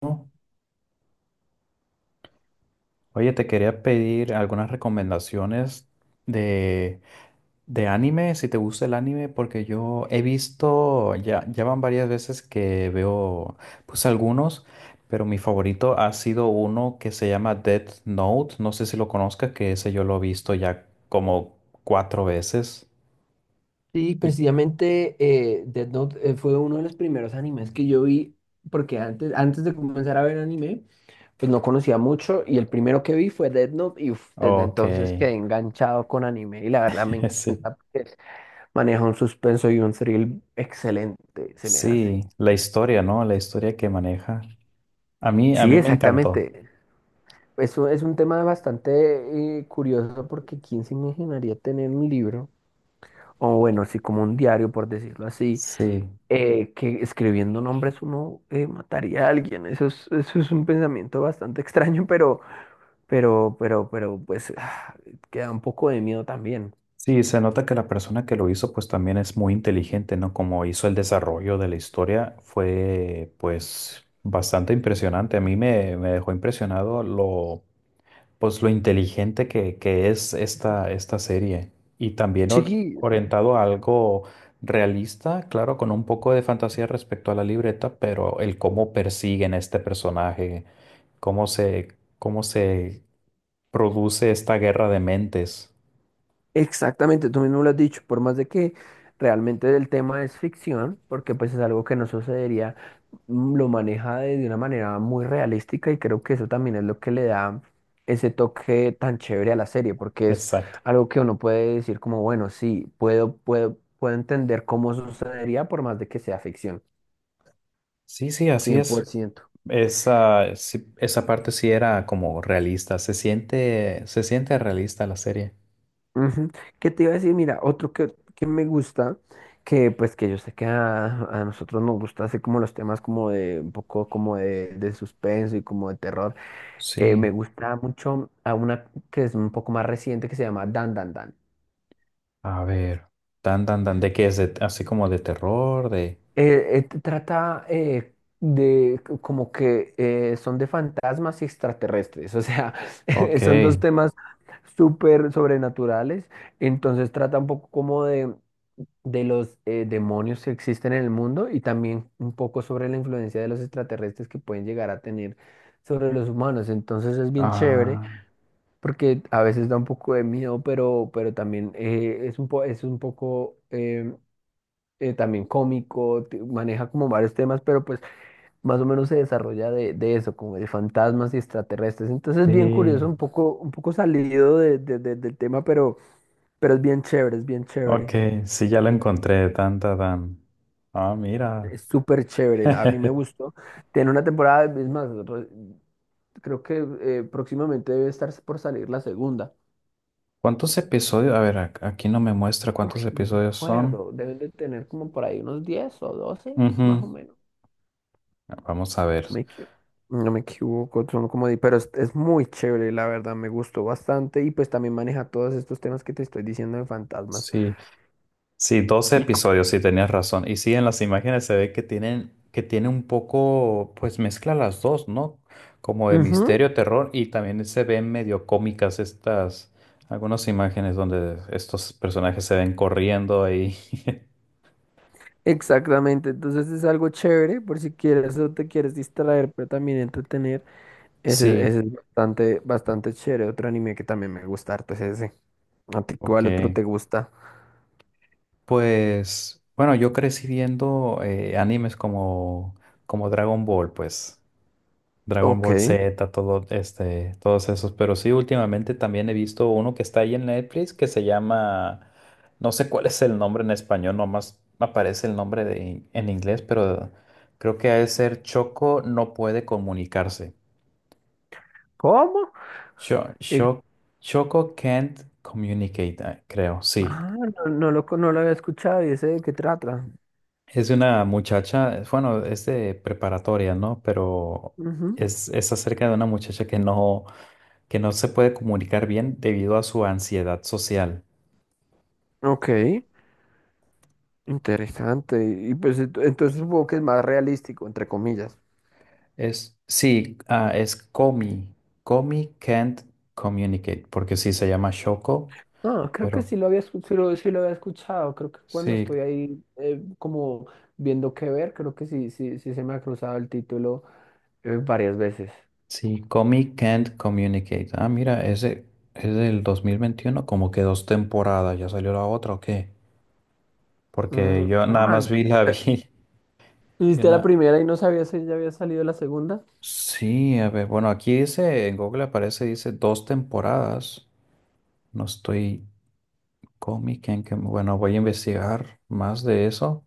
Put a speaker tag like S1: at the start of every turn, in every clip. S1: ¿No? Oye, te quería pedir algunas recomendaciones de, de anime, si te gusta el anime, porque yo he visto, ya van varias veces que veo, pues algunos, pero mi favorito ha sido uno que se llama Death Note, no sé si lo conozcas, que ese yo lo he visto ya como cuatro veces.
S2: Sí,
S1: Y,
S2: precisamente Death Note fue uno de los primeros animes que yo vi, porque antes de comenzar a ver anime, pues no conocía mucho y el primero que vi fue Death Note y uf, desde
S1: ok,
S2: entonces quedé enganchado con anime y la verdad me
S1: sí.
S2: encanta porque maneja un suspenso y un thrill excelente, se me hace.
S1: Sí, la historia, ¿no? La historia que maneja. A mí, a
S2: Sí,
S1: mí me encantó.
S2: exactamente. Eso es un tema bastante curioso porque ¿quién se imaginaría tener un libro? O bueno, sí, como un diario, por decirlo así,
S1: Sí.
S2: que escribiendo nombres uno mataría a alguien. Eso es un pensamiento bastante extraño, pero, pues, queda un poco de miedo también.
S1: Sí, se nota que la persona que lo hizo pues también es muy inteligente, ¿no? Como hizo el desarrollo de la historia fue pues bastante impresionante. A mí me, me dejó impresionado lo pues lo inteligente que es esta serie y también
S2: Sí,
S1: orientado a algo realista, claro, con un poco de fantasía respecto a la libreta, pero el cómo persiguen a este personaje, cómo se, cómo se produce esta guerra de mentes.
S2: exactamente, tú mismo lo has dicho, por más de que realmente el tema es ficción, porque pues es algo que no sucedería, lo maneja de una manera muy realística y creo que eso también es lo que le da ese toque tan chévere a la serie, porque es
S1: Exacto.
S2: algo que uno puede decir como, bueno, sí, puedo entender cómo sucedería por más de que sea ficción,
S1: Sí, sí, así
S2: cien por
S1: es.
S2: ciento.
S1: Esa, esa parte sí era como realista. Se siente realista la serie.
S2: Ujú. ¿Qué te iba a decir? Mira, otro que me gusta, que pues que yo sé que a nosotros nos gusta hacer como los temas como de un poco como de suspenso y como de terror. Me
S1: Sí.
S2: gusta mucho a una que es un poco más reciente que se llama Dan Dan Dan.
S1: A ver. Tan, tan, tan. ¿De qué es? De, así como de terror, de...
S2: Trata de como que son de fantasmas y extraterrestres, o sea,
S1: Ok.
S2: son dos temas súper sobrenaturales, entonces trata un poco como de los demonios que existen en el mundo y también un poco sobre la influencia de los extraterrestres que pueden llegar a tener sobre los humanos. Entonces es bien chévere
S1: Ah,
S2: porque a veces da un poco de miedo, pero también es un es un poco también cómico, maneja como varios temas, pero pues más o menos se desarrolla de eso, como de fantasmas y extraterrestres. Entonces es bien
S1: sí.
S2: curioso, un poco salido del tema, pero es bien chévere, es bien
S1: Ok,
S2: chévere.
S1: sí, ya lo encontré. Tan, tan, tan. Ah, mira.
S2: Es súper chévere, a mí me gustó. Tiene una temporada, es más, creo que próximamente debe estar por salir la segunda.
S1: ¿Cuántos episodios? A ver, aquí no me muestra
S2: Uy,
S1: cuántos
S2: no me
S1: episodios son.
S2: acuerdo, deben de tener como por ahí unos 10 o 12 más o
S1: Ujú.
S2: menos.
S1: Vamos a ver.
S2: No me equivoco. No me equivoco, son como, pero es muy chévere, la verdad, me gustó bastante y pues también maneja todos estos temas que te estoy diciendo de fantasmas.
S1: Sí. Sí, 12
S2: Y co-
S1: episodios, sí, tenías razón. Y sí, en las imágenes se ve que tienen, que tiene un poco, pues mezcla las dos, ¿no? Como de
S2: Ujú,
S1: misterio, terror, y también se ven medio cómicas estas, algunas imágenes donde estos personajes se ven corriendo ahí.
S2: exactamente, entonces es algo chévere por si quieres o te quieres distraer, pero también entretener.
S1: Sí,
S2: Ese es bastante, bastante chévere. Otro anime que también me gusta harto es ese. ¿A ti
S1: ok.
S2: cuál otro te gusta?
S1: Pues, bueno, yo crecí viendo animes como, como Dragon Ball, pues. Dragon
S2: Ok.
S1: Ball Z, todo este, todos esos. Pero sí, últimamente también he visto uno que está ahí en Netflix que se llama, no sé cuál es el nombre en español, nomás aparece el nombre de, en inglés, pero creo que ha de ser Choco no puede comunicarse.
S2: ¿Cómo?
S1: Cho-
S2: El-
S1: Cho- Choco can't communicate, ah, creo, sí.
S2: Ah, no, no lo había escuchado y ese de qué trata.
S1: Es de una muchacha, bueno, es de preparatoria, ¿no? Pero
S2: Ujú.
S1: es acerca de una muchacha que no se puede comunicar bien debido a su ansiedad social.
S2: Ok, interesante. Y pues entonces supongo que es más realístico, entre comillas.
S1: Es, sí, ah, es Komi. Komi can't communicate, porque sí se llama Shoko,
S2: No, creo que
S1: pero
S2: sí lo había, sí lo había escuchado. Creo que cuando
S1: sí,
S2: estoy ahí como viendo qué ver, creo que sí, sí se me ha cruzado el título varias veces.
S1: sí, Komi can't communicate. Ah, mira, ese es del 2021, como que dos temporadas, ¿ya salió la otra o qué? Porque
S2: Mm,
S1: yo nada
S2: ah,
S1: más vi la
S2: eh,
S1: vi.
S2: ¿Y
S1: Yo
S2: viste la
S1: na-
S2: primera y no sabías si ya había salido la segunda?
S1: Sí, a ver, bueno, aquí dice, en Google aparece, dice dos temporadas. No estoy Comic bueno, voy a investigar más de eso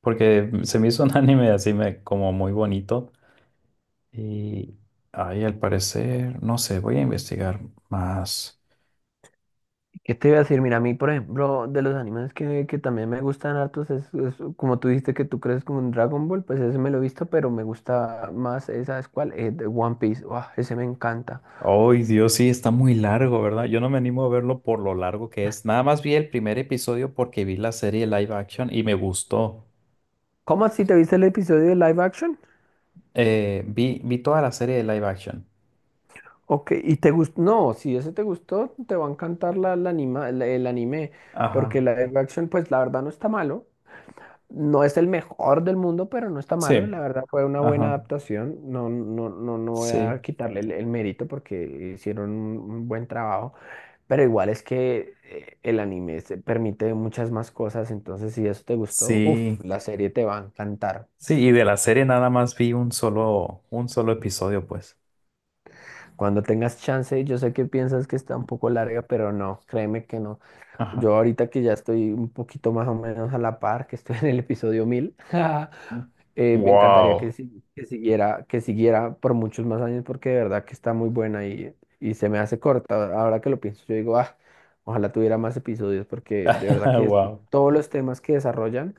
S1: porque se me hizo un anime así me, como muy bonito y ahí al parecer, no sé, voy a investigar más.
S2: ¿Qué te iba a decir? Mira, a mí, por ejemplo, de los animes que también me gustan hartos, es como tú dijiste que tú crees como un Dragon Ball, pues ese me lo he visto, pero me gusta más, esa es cuál, de One Piece, uah, ese me encanta.
S1: Ay, Dios, sí, está muy largo, ¿verdad? Yo no me animo a verlo por lo largo que es. Nada más vi el primer episodio porque vi la serie live action y me gustó.
S2: ¿Cómo así te viste el episodio de live action?
S1: Vi toda la serie de live action.
S2: Ok, y te gustó, no, si ese te gustó, te va a encantar el anime, porque
S1: Ajá,
S2: la live action, pues la verdad no está malo, no es el mejor del mundo, pero no está malo. La
S1: sí,
S2: verdad fue una buena
S1: ajá,
S2: adaptación. No, no voy a
S1: sí.
S2: quitarle el mérito porque hicieron un buen trabajo. Pero igual es que el anime se permite muchas más cosas. Entonces, si eso te gustó, uff,
S1: Sí,
S2: la serie te va a encantar.
S1: sí, y de la serie nada más vi un solo episodio, pues.
S2: Cuando tengas chance, yo sé que piensas que está un poco larga, pero no, créeme que no.
S1: Ajá.
S2: Yo ahorita que ya estoy un poquito más o menos a la par, que estoy en el episodio 1.000. Me encantaría que,
S1: Wow.
S2: si- que siguiera por muchos más años porque de verdad que está muy buena y se me hace corta. Ahora que lo pienso, yo digo, ah, ojalá tuviera más episodios porque de verdad que
S1: Wow.
S2: todos los temas que desarrollan,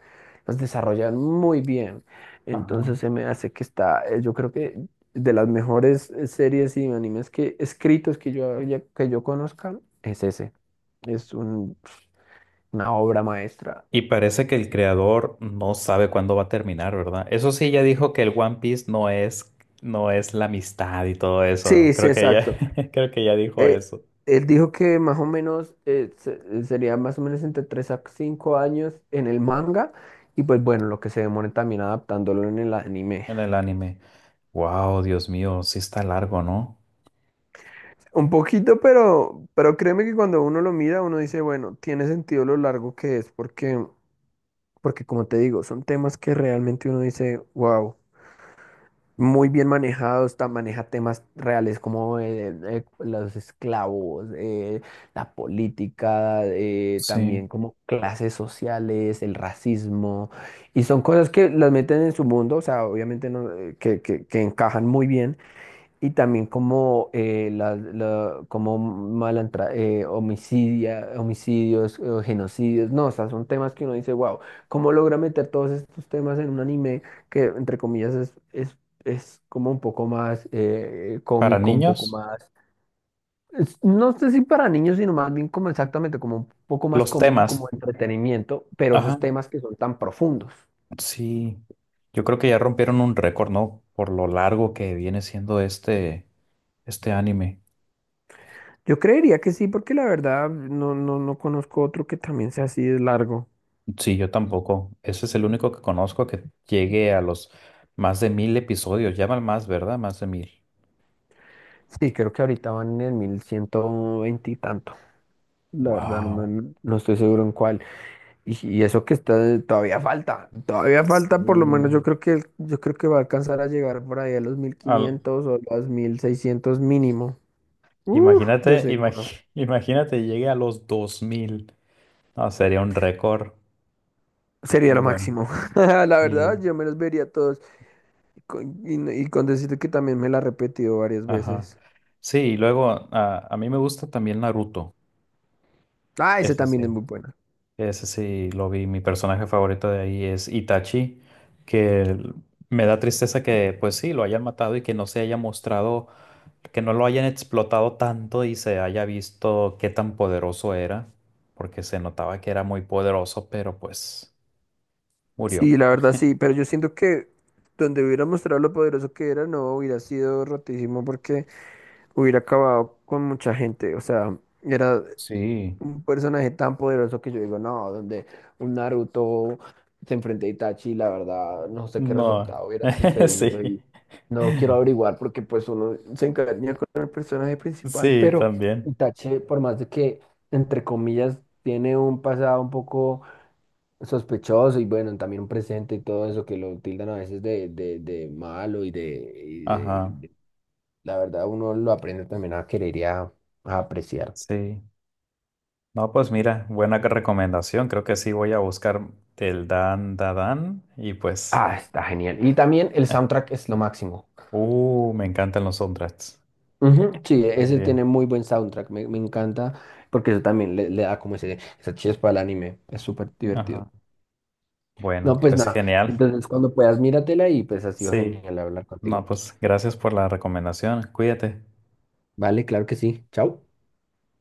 S2: los desarrollan muy bien.
S1: Ajá.
S2: Entonces se me hace que está, yo creo que de las mejores series y animes que escritos que yo conozca es ese. Es un- una obra maestra.
S1: Y parece que el creador no sabe cuándo va a terminar, ¿verdad? Eso sí, ya dijo que el One Piece no es, no es la amistad y todo eso.
S2: Sí, sí,
S1: Creo que ya
S2: exacto.
S1: creo que ya dijo
S2: Eh,
S1: eso
S2: él dijo que más o menos sería más o menos entre 3 a 5 años en el manga y pues bueno, lo que se demore también adaptándolo en el anime.
S1: en el anime. Wow, Dios mío, sí está largo, ¿no?
S2: Un poquito, pero créeme que cuando uno lo mira, uno dice, bueno, tiene sentido lo largo que es porque, porque como te digo, son temas que realmente uno dice, wow. Muy bien manejado, está, maneja temas reales como los esclavos, la política, también
S1: Sí.
S2: como clases sociales, el racismo, y son cosas que las meten en su mundo, o sea, obviamente no, que encajan muy bien, y también como, como malantra, homicidios, genocidios. No, o sea, son temas que uno dice, wow, ¿cómo logra meter todos estos temas en un anime que, entre comillas, es como un poco más
S1: ¿Para
S2: cómico, un poco
S1: niños?
S2: más... No sé si para niños, sino más bien como exactamente, como un poco más
S1: Los
S2: cómico, como
S1: temas.
S2: entretenimiento, pero esos
S1: Ajá.
S2: temas que son tan profundos.
S1: Sí, yo creo que ya rompieron un récord, ¿no? Por lo largo que viene siendo este anime.
S2: Yo creería que sí, porque la verdad no, no conozco otro que también sea así de largo.
S1: Sí, yo tampoco. Ese es el único que conozco que llegue a los más de mil episodios. Llaman más, ¿verdad? Más de mil.
S2: Sí, creo que ahorita van en el 1.120 y tanto. La verdad, no,
S1: Wow.
S2: no estoy seguro en cuál. Y eso que está, todavía falta. Todavía falta, por lo menos
S1: Sí.
S2: yo creo que va a alcanzar a llegar por ahí a los mil
S1: Al-
S2: quinientos o los 1.600 mínimo. Uf,
S1: imagínate,
S2: de seguro.
S1: imagínate, llegue a los dos mil. No, sería un récord
S2: Sería
S1: muy
S2: lo
S1: bueno.
S2: máximo. La verdad,
S1: Sí.
S2: yo me los vería todos. Y no- y con decirte que también me la he repetido varias
S1: Ajá.
S2: veces.
S1: Sí, y luego a mí me gusta también Naruto.
S2: Ah, ese
S1: Ese sí.
S2: también es muy bueno.
S1: Ese sí lo vi. Mi personaje favorito de ahí es Itachi, que el- me da tristeza que, pues sí, lo hayan matado y que no se haya mostrado, que no lo hayan explotado tanto y se haya visto qué tan poderoso era, porque se notaba que era muy poderoso, pero pues murió.
S2: Sí, la verdad sí, pero yo siento que donde hubiera mostrado lo poderoso que era, no hubiera sido rotísimo porque hubiera acabado con mucha gente. O sea, era
S1: Sí,
S2: un personaje tan poderoso que yo digo, no, donde un Naruto se enfrenta a Itachi, la verdad, no sé qué
S1: no,
S2: resultado hubiera sucedido
S1: sí,
S2: y no lo quiero averiguar porque pues uno se encariña con el personaje principal,
S1: sí,
S2: pero
S1: también.
S2: Itachi, por más de que, entre comillas, tiene un pasado un poco sospechoso y bueno, también un presente y todo eso que lo tildan a veces de malo y de,
S1: Ajá,
S2: de- la verdad, uno lo aprende también a querer y a apreciar.
S1: sí. No, pues mira, buena que recomendación. Creo que sí voy a buscar el Dan Dadan y pues,
S2: Ah, está genial. Y también el soundtrack es lo máximo.
S1: me encantan los soundtracks
S2: Ujú, sí, ese tiene
S1: también.
S2: muy buen soundtrack, me encanta, porque eso también le da como ese, esa chispa al anime, es súper
S1: Ajá.
S2: divertido. No,
S1: Bueno,
S2: pues
S1: pues
S2: nada,
S1: genial.
S2: entonces cuando puedas míratela y pues ha sido
S1: Sí.
S2: genial hablar
S1: No,
S2: contigo.
S1: pues gracias por la recomendación. Cuídate.
S2: Vale, claro que sí, chao.